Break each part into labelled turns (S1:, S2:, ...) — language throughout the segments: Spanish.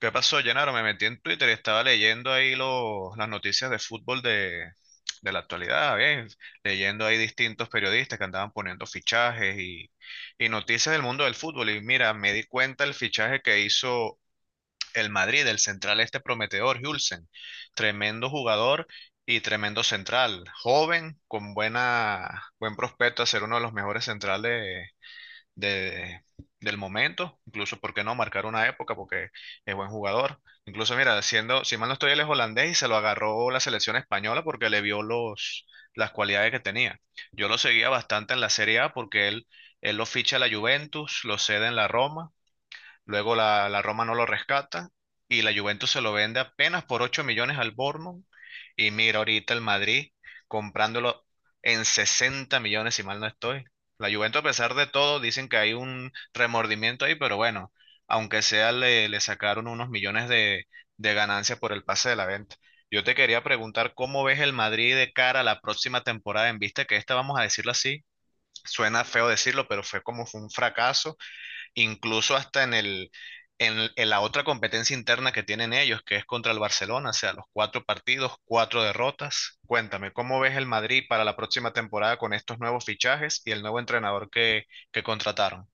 S1: ¿Qué pasó, Llenaro? Me metí en Twitter y estaba leyendo ahí las noticias de fútbol de la actualidad, ¿eh? Leyendo ahí distintos periodistas que andaban poniendo fichajes y noticias del mundo del fútbol. Y mira, me di cuenta el fichaje que hizo el Madrid, el central este prometedor, Hulsen. Tremendo jugador y tremendo central. Joven, con buena, buen prospecto a ser uno de los mejores centrales de, del momento, incluso, ¿por qué no marcar una época? Porque es buen jugador. Incluso, mira, siendo, si mal no estoy, él es holandés y se lo agarró la selección española porque le vio las cualidades que tenía. Yo lo seguía bastante en la Serie A porque él lo ficha a la Juventus, lo cede en la Roma. Luego la Roma no lo rescata y la Juventus se lo vende apenas por 8 millones al Bournemouth. Y mira ahorita el Madrid comprándolo en 60 millones, si mal no estoy. La Juventus, a pesar de todo, dicen que hay un remordimiento ahí, pero bueno, aunque sea, le sacaron unos millones de ganancias por el pase de la venta. Yo te quería preguntar cómo ves el Madrid de cara a la próxima temporada en vista que esta, vamos a decirlo así, suena feo decirlo, pero fue como fue un fracaso incluso hasta en en la otra competencia interna que tienen ellos, que es contra el Barcelona, o sea, los cuatro partidos, cuatro derrotas. Cuéntame, ¿cómo ves el Madrid para la próxima temporada con estos nuevos fichajes y el nuevo entrenador que contrataron?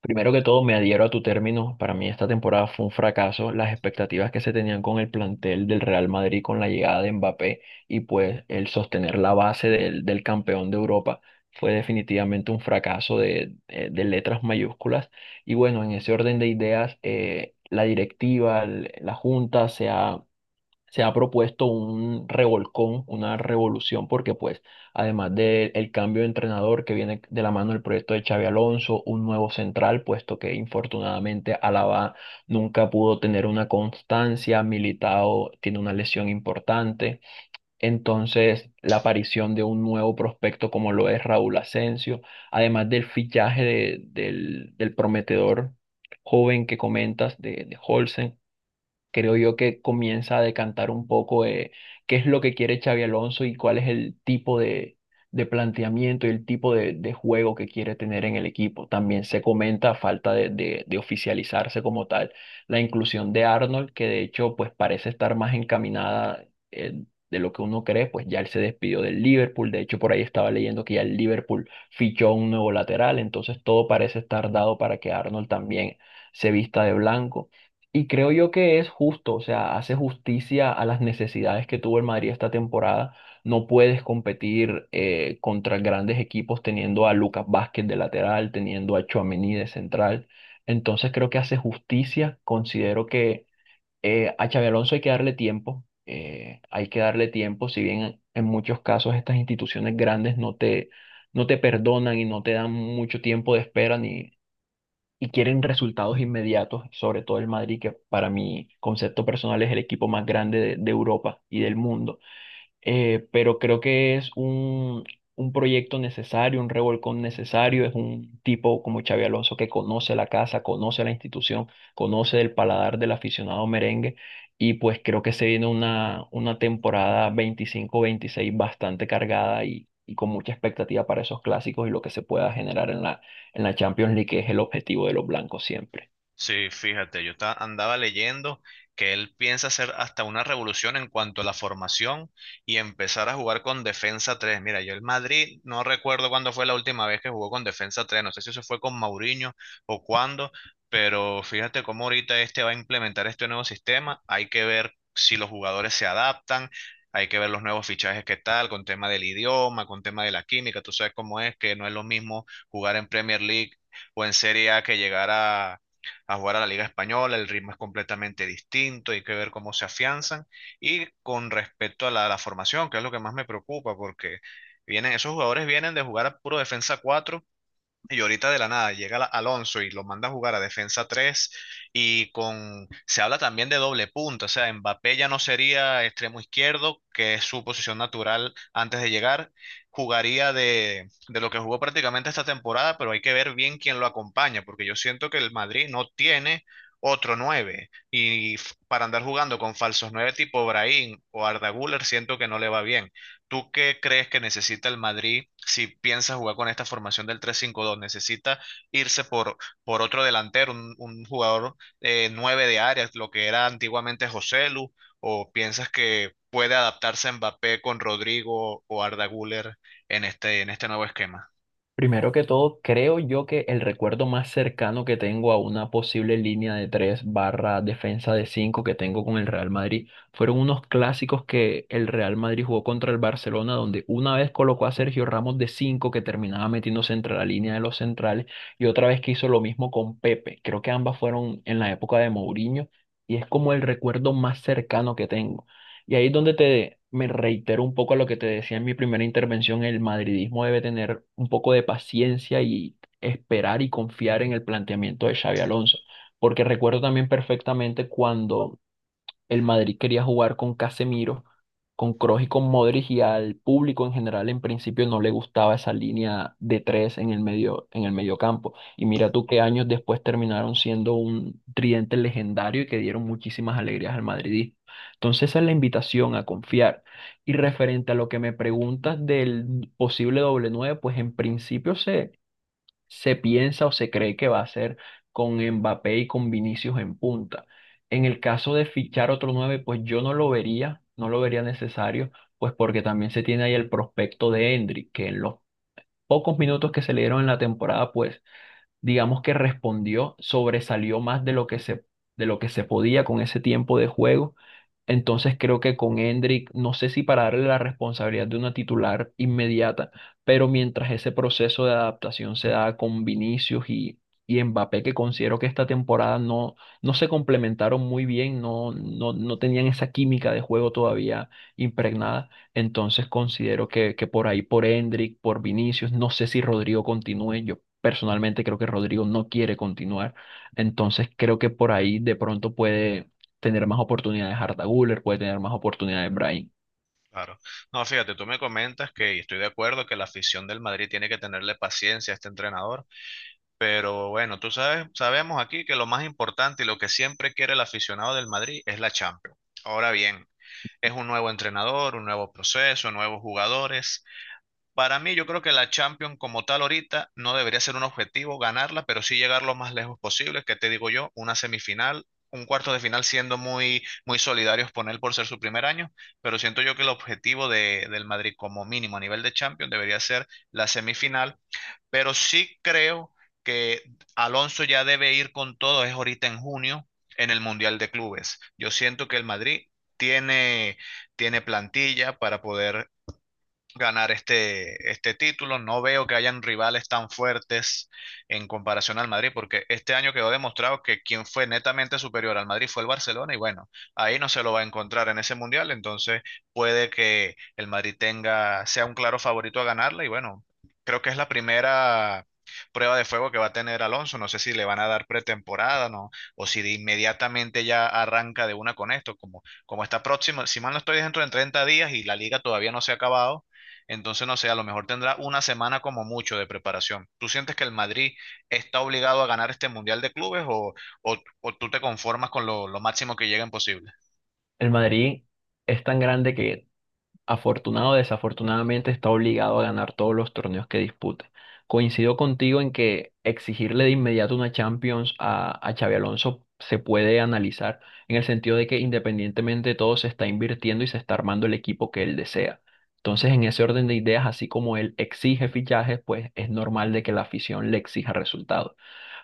S2: Primero que todo, me adhiero a tu término. Para mí esta temporada fue un fracaso. Las expectativas que se tenían con el plantel del Real Madrid con la llegada de Mbappé y pues el sostener la base del campeón de Europa fue definitivamente un fracaso de letras mayúsculas. Y bueno, en ese orden de ideas, la directiva, la junta se ha propuesto un revolcón, una revolución, porque pues además del cambio de entrenador que viene de la mano del proyecto de Xavi Alonso, un nuevo central, puesto que infortunadamente Alaba nunca pudo tener una constancia, Militao tiene una lesión importante, entonces la aparición de un nuevo prospecto como lo es Raúl Asensio, además del fichaje del prometedor joven que comentas de Olsen, creo yo que comienza a decantar un poco, qué es lo que quiere Xavi Alonso y cuál es el tipo de planteamiento y el tipo de juego que quiere tener en el equipo. También se comenta, a falta de oficializarse como tal, la inclusión de Arnold, que de hecho pues parece estar más encaminada, eh, de lo que uno cree, pues ya él se despidió del Liverpool, de hecho por ahí estaba leyendo que ya el Liverpool fichó un nuevo lateral, entonces todo parece estar dado para que Arnold también se vista de blanco. Y creo yo que es justo, o sea, hace justicia a las necesidades que tuvo el Madrid esta temporada. No puedes competir, contra grandes equipos teniendo a Lucas Vázquez de lateral, teniendo a Tchouaméni de central. Entonces creo que hace justicia. Considero que, a Xabi Alonso hay que darle tiempo. Hay que darle tiempo, si bien en muchos casos estas instituciones grandes no te perdonan y no te dan mucho tiempo de espera y quieren resultados inmediatos, sobre todo el Madrid, que para mi concepto personal es el equipo más grande de Europa y del mundo. Pero creo que es un proyecto necesario, un revolcón necesario, es un tipo como Xavi Alonso que conoce la casa, conoce la institución, conoce el paladar del aficionado merengue y pues creo que se viene una temporada 25-26 bastante cargada y con mucha expectativa para esos clásicos y lo que se pueda generar en la Champions League, que es el objetivo de los blancos siempre.
S1: Sí, fíjate, andaba leyendo que él piensa hacer hasta una revolución en cuanto a la formación y empezar a jugar con defensa 3. Mira, yo el Madrid no recuerdo cuándo fue la última vez que jugó con defensa 3. No sé si eso fue con Mourinho o cuándo, pero fíjate cómo ahorita este va a implementar este nuevo sistema. Hay que ver si los jugadores se adaptan, hay que ver los nuevos fichajes que tal, con tema del idioma, con tema de la química, tú sabes cómo es, que no es lo mismo jugar en Premier League o en Serie A que llegar a jugar a la Liga Española, el ritmo es completamente distinto, hay que ver cómo se afianzan. Y con respecto a la formación, que es lo que más me preocupa, porque vienen, esos jugadores vienen de jugar a puro defensa 4 y ahorita de la nada Alonso y lo manda a jugar a defensa 3 y con se habla también de doble punta, o sea, Mbappé ya no sería extremo izquierdo, que es su posición natural antes de llegar, jugaría de lo que jugó prácticamente esta temporada, pero hay que ver bien quién lo acompaña, porque yo siento que el Madrid no tiene otro 9 para andar jugando con falsos 9 tipo Brahim o Arda Güler siento que no le va bien. ¿Tú qué crees que necesita el Madrid si piensa jugar con esta formación del 3-5-2? ¿Necesita irse por otro delantero, un jugador nueve de área, lo que era antiguamente Joselu? ¿O piensas que puede adaptarse Mbappé con Rodrigo o Arda Güler en este nuevo esquema?
S2: Primero que todo, creo yo que el recuerdo más cercano que tengo a una posible línea de 3 barra defensa de 5 que tengo con el Real Madrid fueron unos clásicos que el Real Madrid jugó contra el Barcelona, donde una vez colocó a Sergio Ramos de 5 que terminaba metiéndose entre la línea de los centrales y otra vez que hizo lo mismo con Pepe. Creo que ambas fueron en la época de Mourinho y es como el recuerdo más cercano que tengo. Y ahí es donde me reitero un poco a lo que te decía en mi primera intervención: el madridismo debe tener un poco de paciencia y esperar y confiar en el planteamiento de Xavi Alonso, porque recuerdo también perfectamente cuando el Madrid quería jugar con Casemiro, con Kroos y con Modric y al público en general en principio no le gustaba esa línea de tres en el medio campo. Y mira tú qué años después terminaron siendo un tridente legendario y que dieron muchísimas alegrías al madridismo. Entonces esa es la invitación a confiar. Y referente a lo que me preguntas del posible doble nueve, pues en principio se piensa o se cree que va a ser con Mbappé y con Vinicius en punta. En el caso de fichar otro 9, pues yo no lo vería necesario, pues porque también se tiene ahí el prospecto de Endrick, que en los pocos minutos que se le dieron en la temporada, pues digamos que respondió, sobresalió más de lo que se podía con ese tiempo de juego. Entonces creo que con Hendrick, no sé si para darle la responsabilidad de una titular inmediata, pero mientras ese proceso de adaptación se da con Vinicius y Mbappé, que considero que esta temporada no se complementaron muy bien, no tenían esa química de juego todavía impregnada. Entonces considero que por ahí, por Hendrick, por Vinicius, no sé si Rodrigo continúe, yo personalmente creo que Rodrigo no quiere continuar. Entonces creo que por ahí de pronto puede tener más oportunidades Arda Güler, puede tener más oportunidades Brahim.
S1: Claro. No, fíjate, tú me comentas que, y estoy de acuerdo, que la afición del Madrid tiene que tenerle paciencia a este entrenador. Pero bueno, tú sabes, sabemos aquí que lo más importante y lo que siempre quiere el aficionado del Madrid es la Champions. Ahora bien, es un nuevo entrenador, un nuevo proceso, nuevos jugadores. Para mí, yo creo que la Champions como tal ahorita no debería ser un objetivo ganarla, pero sí llegar lo más lejos posible, que te digo yo, una semifinal, un cuarto de final siendo muy, muy solidarios con él por ser su primer año, pero siento yo que el objetivo del Madrid como mínimo a nivel de Champions debería ser la semifinal, pero sí creo que Alonso ya debe ir con todo, es ahorita en junio, en el Mundial de Clubes. Yo siento que el Madrid tiene, tiene plantilla para poder ganar este título. No veo que hayan rivales tan fuertes en comparación al Madrid, porque este año quedó demostrado que quien fue netamente superior al Madrid fue el Barcelona y bueno, ahí no se lo va a encontrar en ese mundial, entonces puede que el Madrid tenga, sea un claro favorito a ganarla y bueno, creo que es la primera prueba de fuego que va a tener Alonso. No sé si le van a dar pretemporada, ¿no? O si de inmediatamente ya arranca de una con esto, como está próximo. Si mal no estoy dentro de 30 días y la liga todavía no se ha acabado, entonces, no sé, a lo mejor tendrá una semana como mucho de preparación. ¿Tú sientes que el Madrid está obligado a ganar este Mundial de Clubes o tú te conformas con lo máximo que lleguen posible?
S2: El Madrid es tan grande que afortunado o desafortunadamente está obligado a ganar todos los torneos que dispute. Coincido contigo en que exigirle de inmediato una Champions a Xabi Alonso se puede analizar en el sentido de que independientemente de todo se está invirtiendo y se está armando el equipo que él desea. Entonces, en ese orden de ideas, así como él exige fichajes, pues es normal de que la afición le exija resultados.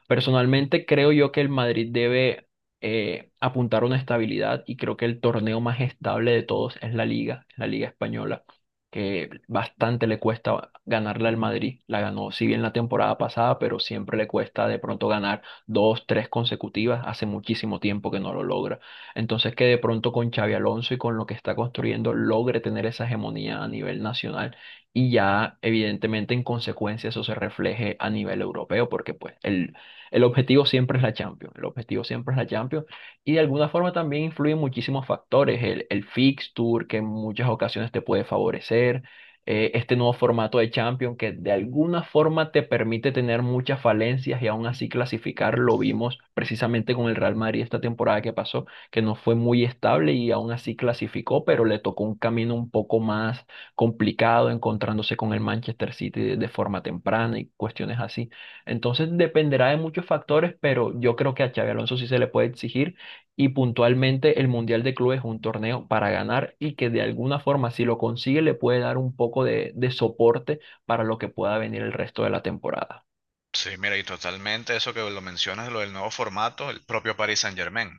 S2: Personalmente creo yo que el Madrid debe, apuntar a una estabilidad y creo que el torneo más estable de todos es la Liga Española, que bastante le cuesta ganarla al Madrid. La ganó, si bien la temporada pasada, pero siempre le cuesta de pronto ganar dos, tres consecutivas. Hace muchísimo tiempo que no lo logra. Entonces que de pronto con Xavi Alonso y con lo que está construyendo logre tener esa hegemonía a nivel nacional y ya evidentemente en consecuencia eso se refleje a nivel europeo, porque pues el objetivo siempre es la Champions, el objetivo siempre es la Champions, y de alguna forma también influyen muchísimos factores, el fixture que en muchas ocasiones te puede favorecer. Este nuevo formato de Champions que de alguna forma te permite tener muchas falencias y aún así clasificar, lo vimos precisamente con el Real Madrid esta temporada que pasó, que no fue muy estable y aún así clasificó, pero le tocó un camino un poco más complicado encontrándose con el Manchester City de forma temprana y cuestiones así. Entonces dependerá de muchos factores, pero yo creo que a Xabi Alonso sí se le puede exigir y puntualmente el Mundial de Clubes es un torneo para ganar y que de alguna forma si lo consigue le puede dar un poco de soporte para lo que pueda venir el resto de la temporada.
S1: Sí, mira, y totalmente eso que lo mencionas, lo del nuevo formato, el propio Paris Saint-Germain.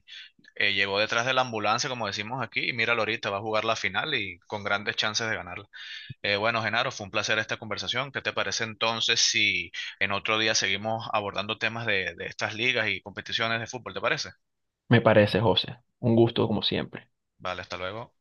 S1: Llegó detrás de la ambulancia, como decimos aquí, y míralo ahorita, va a jugar la final y con grandes chances de ganarla. Bueno, Genaro, fue un placer esta conversación. ¿Qué te parece entonces si en otro día seguimos abordando temas de estas ligas y competiciones de fútbol? ¿Te parece?
S2: Me parece, José. Un gusto como siempre.
S1: Vale, hasta luego.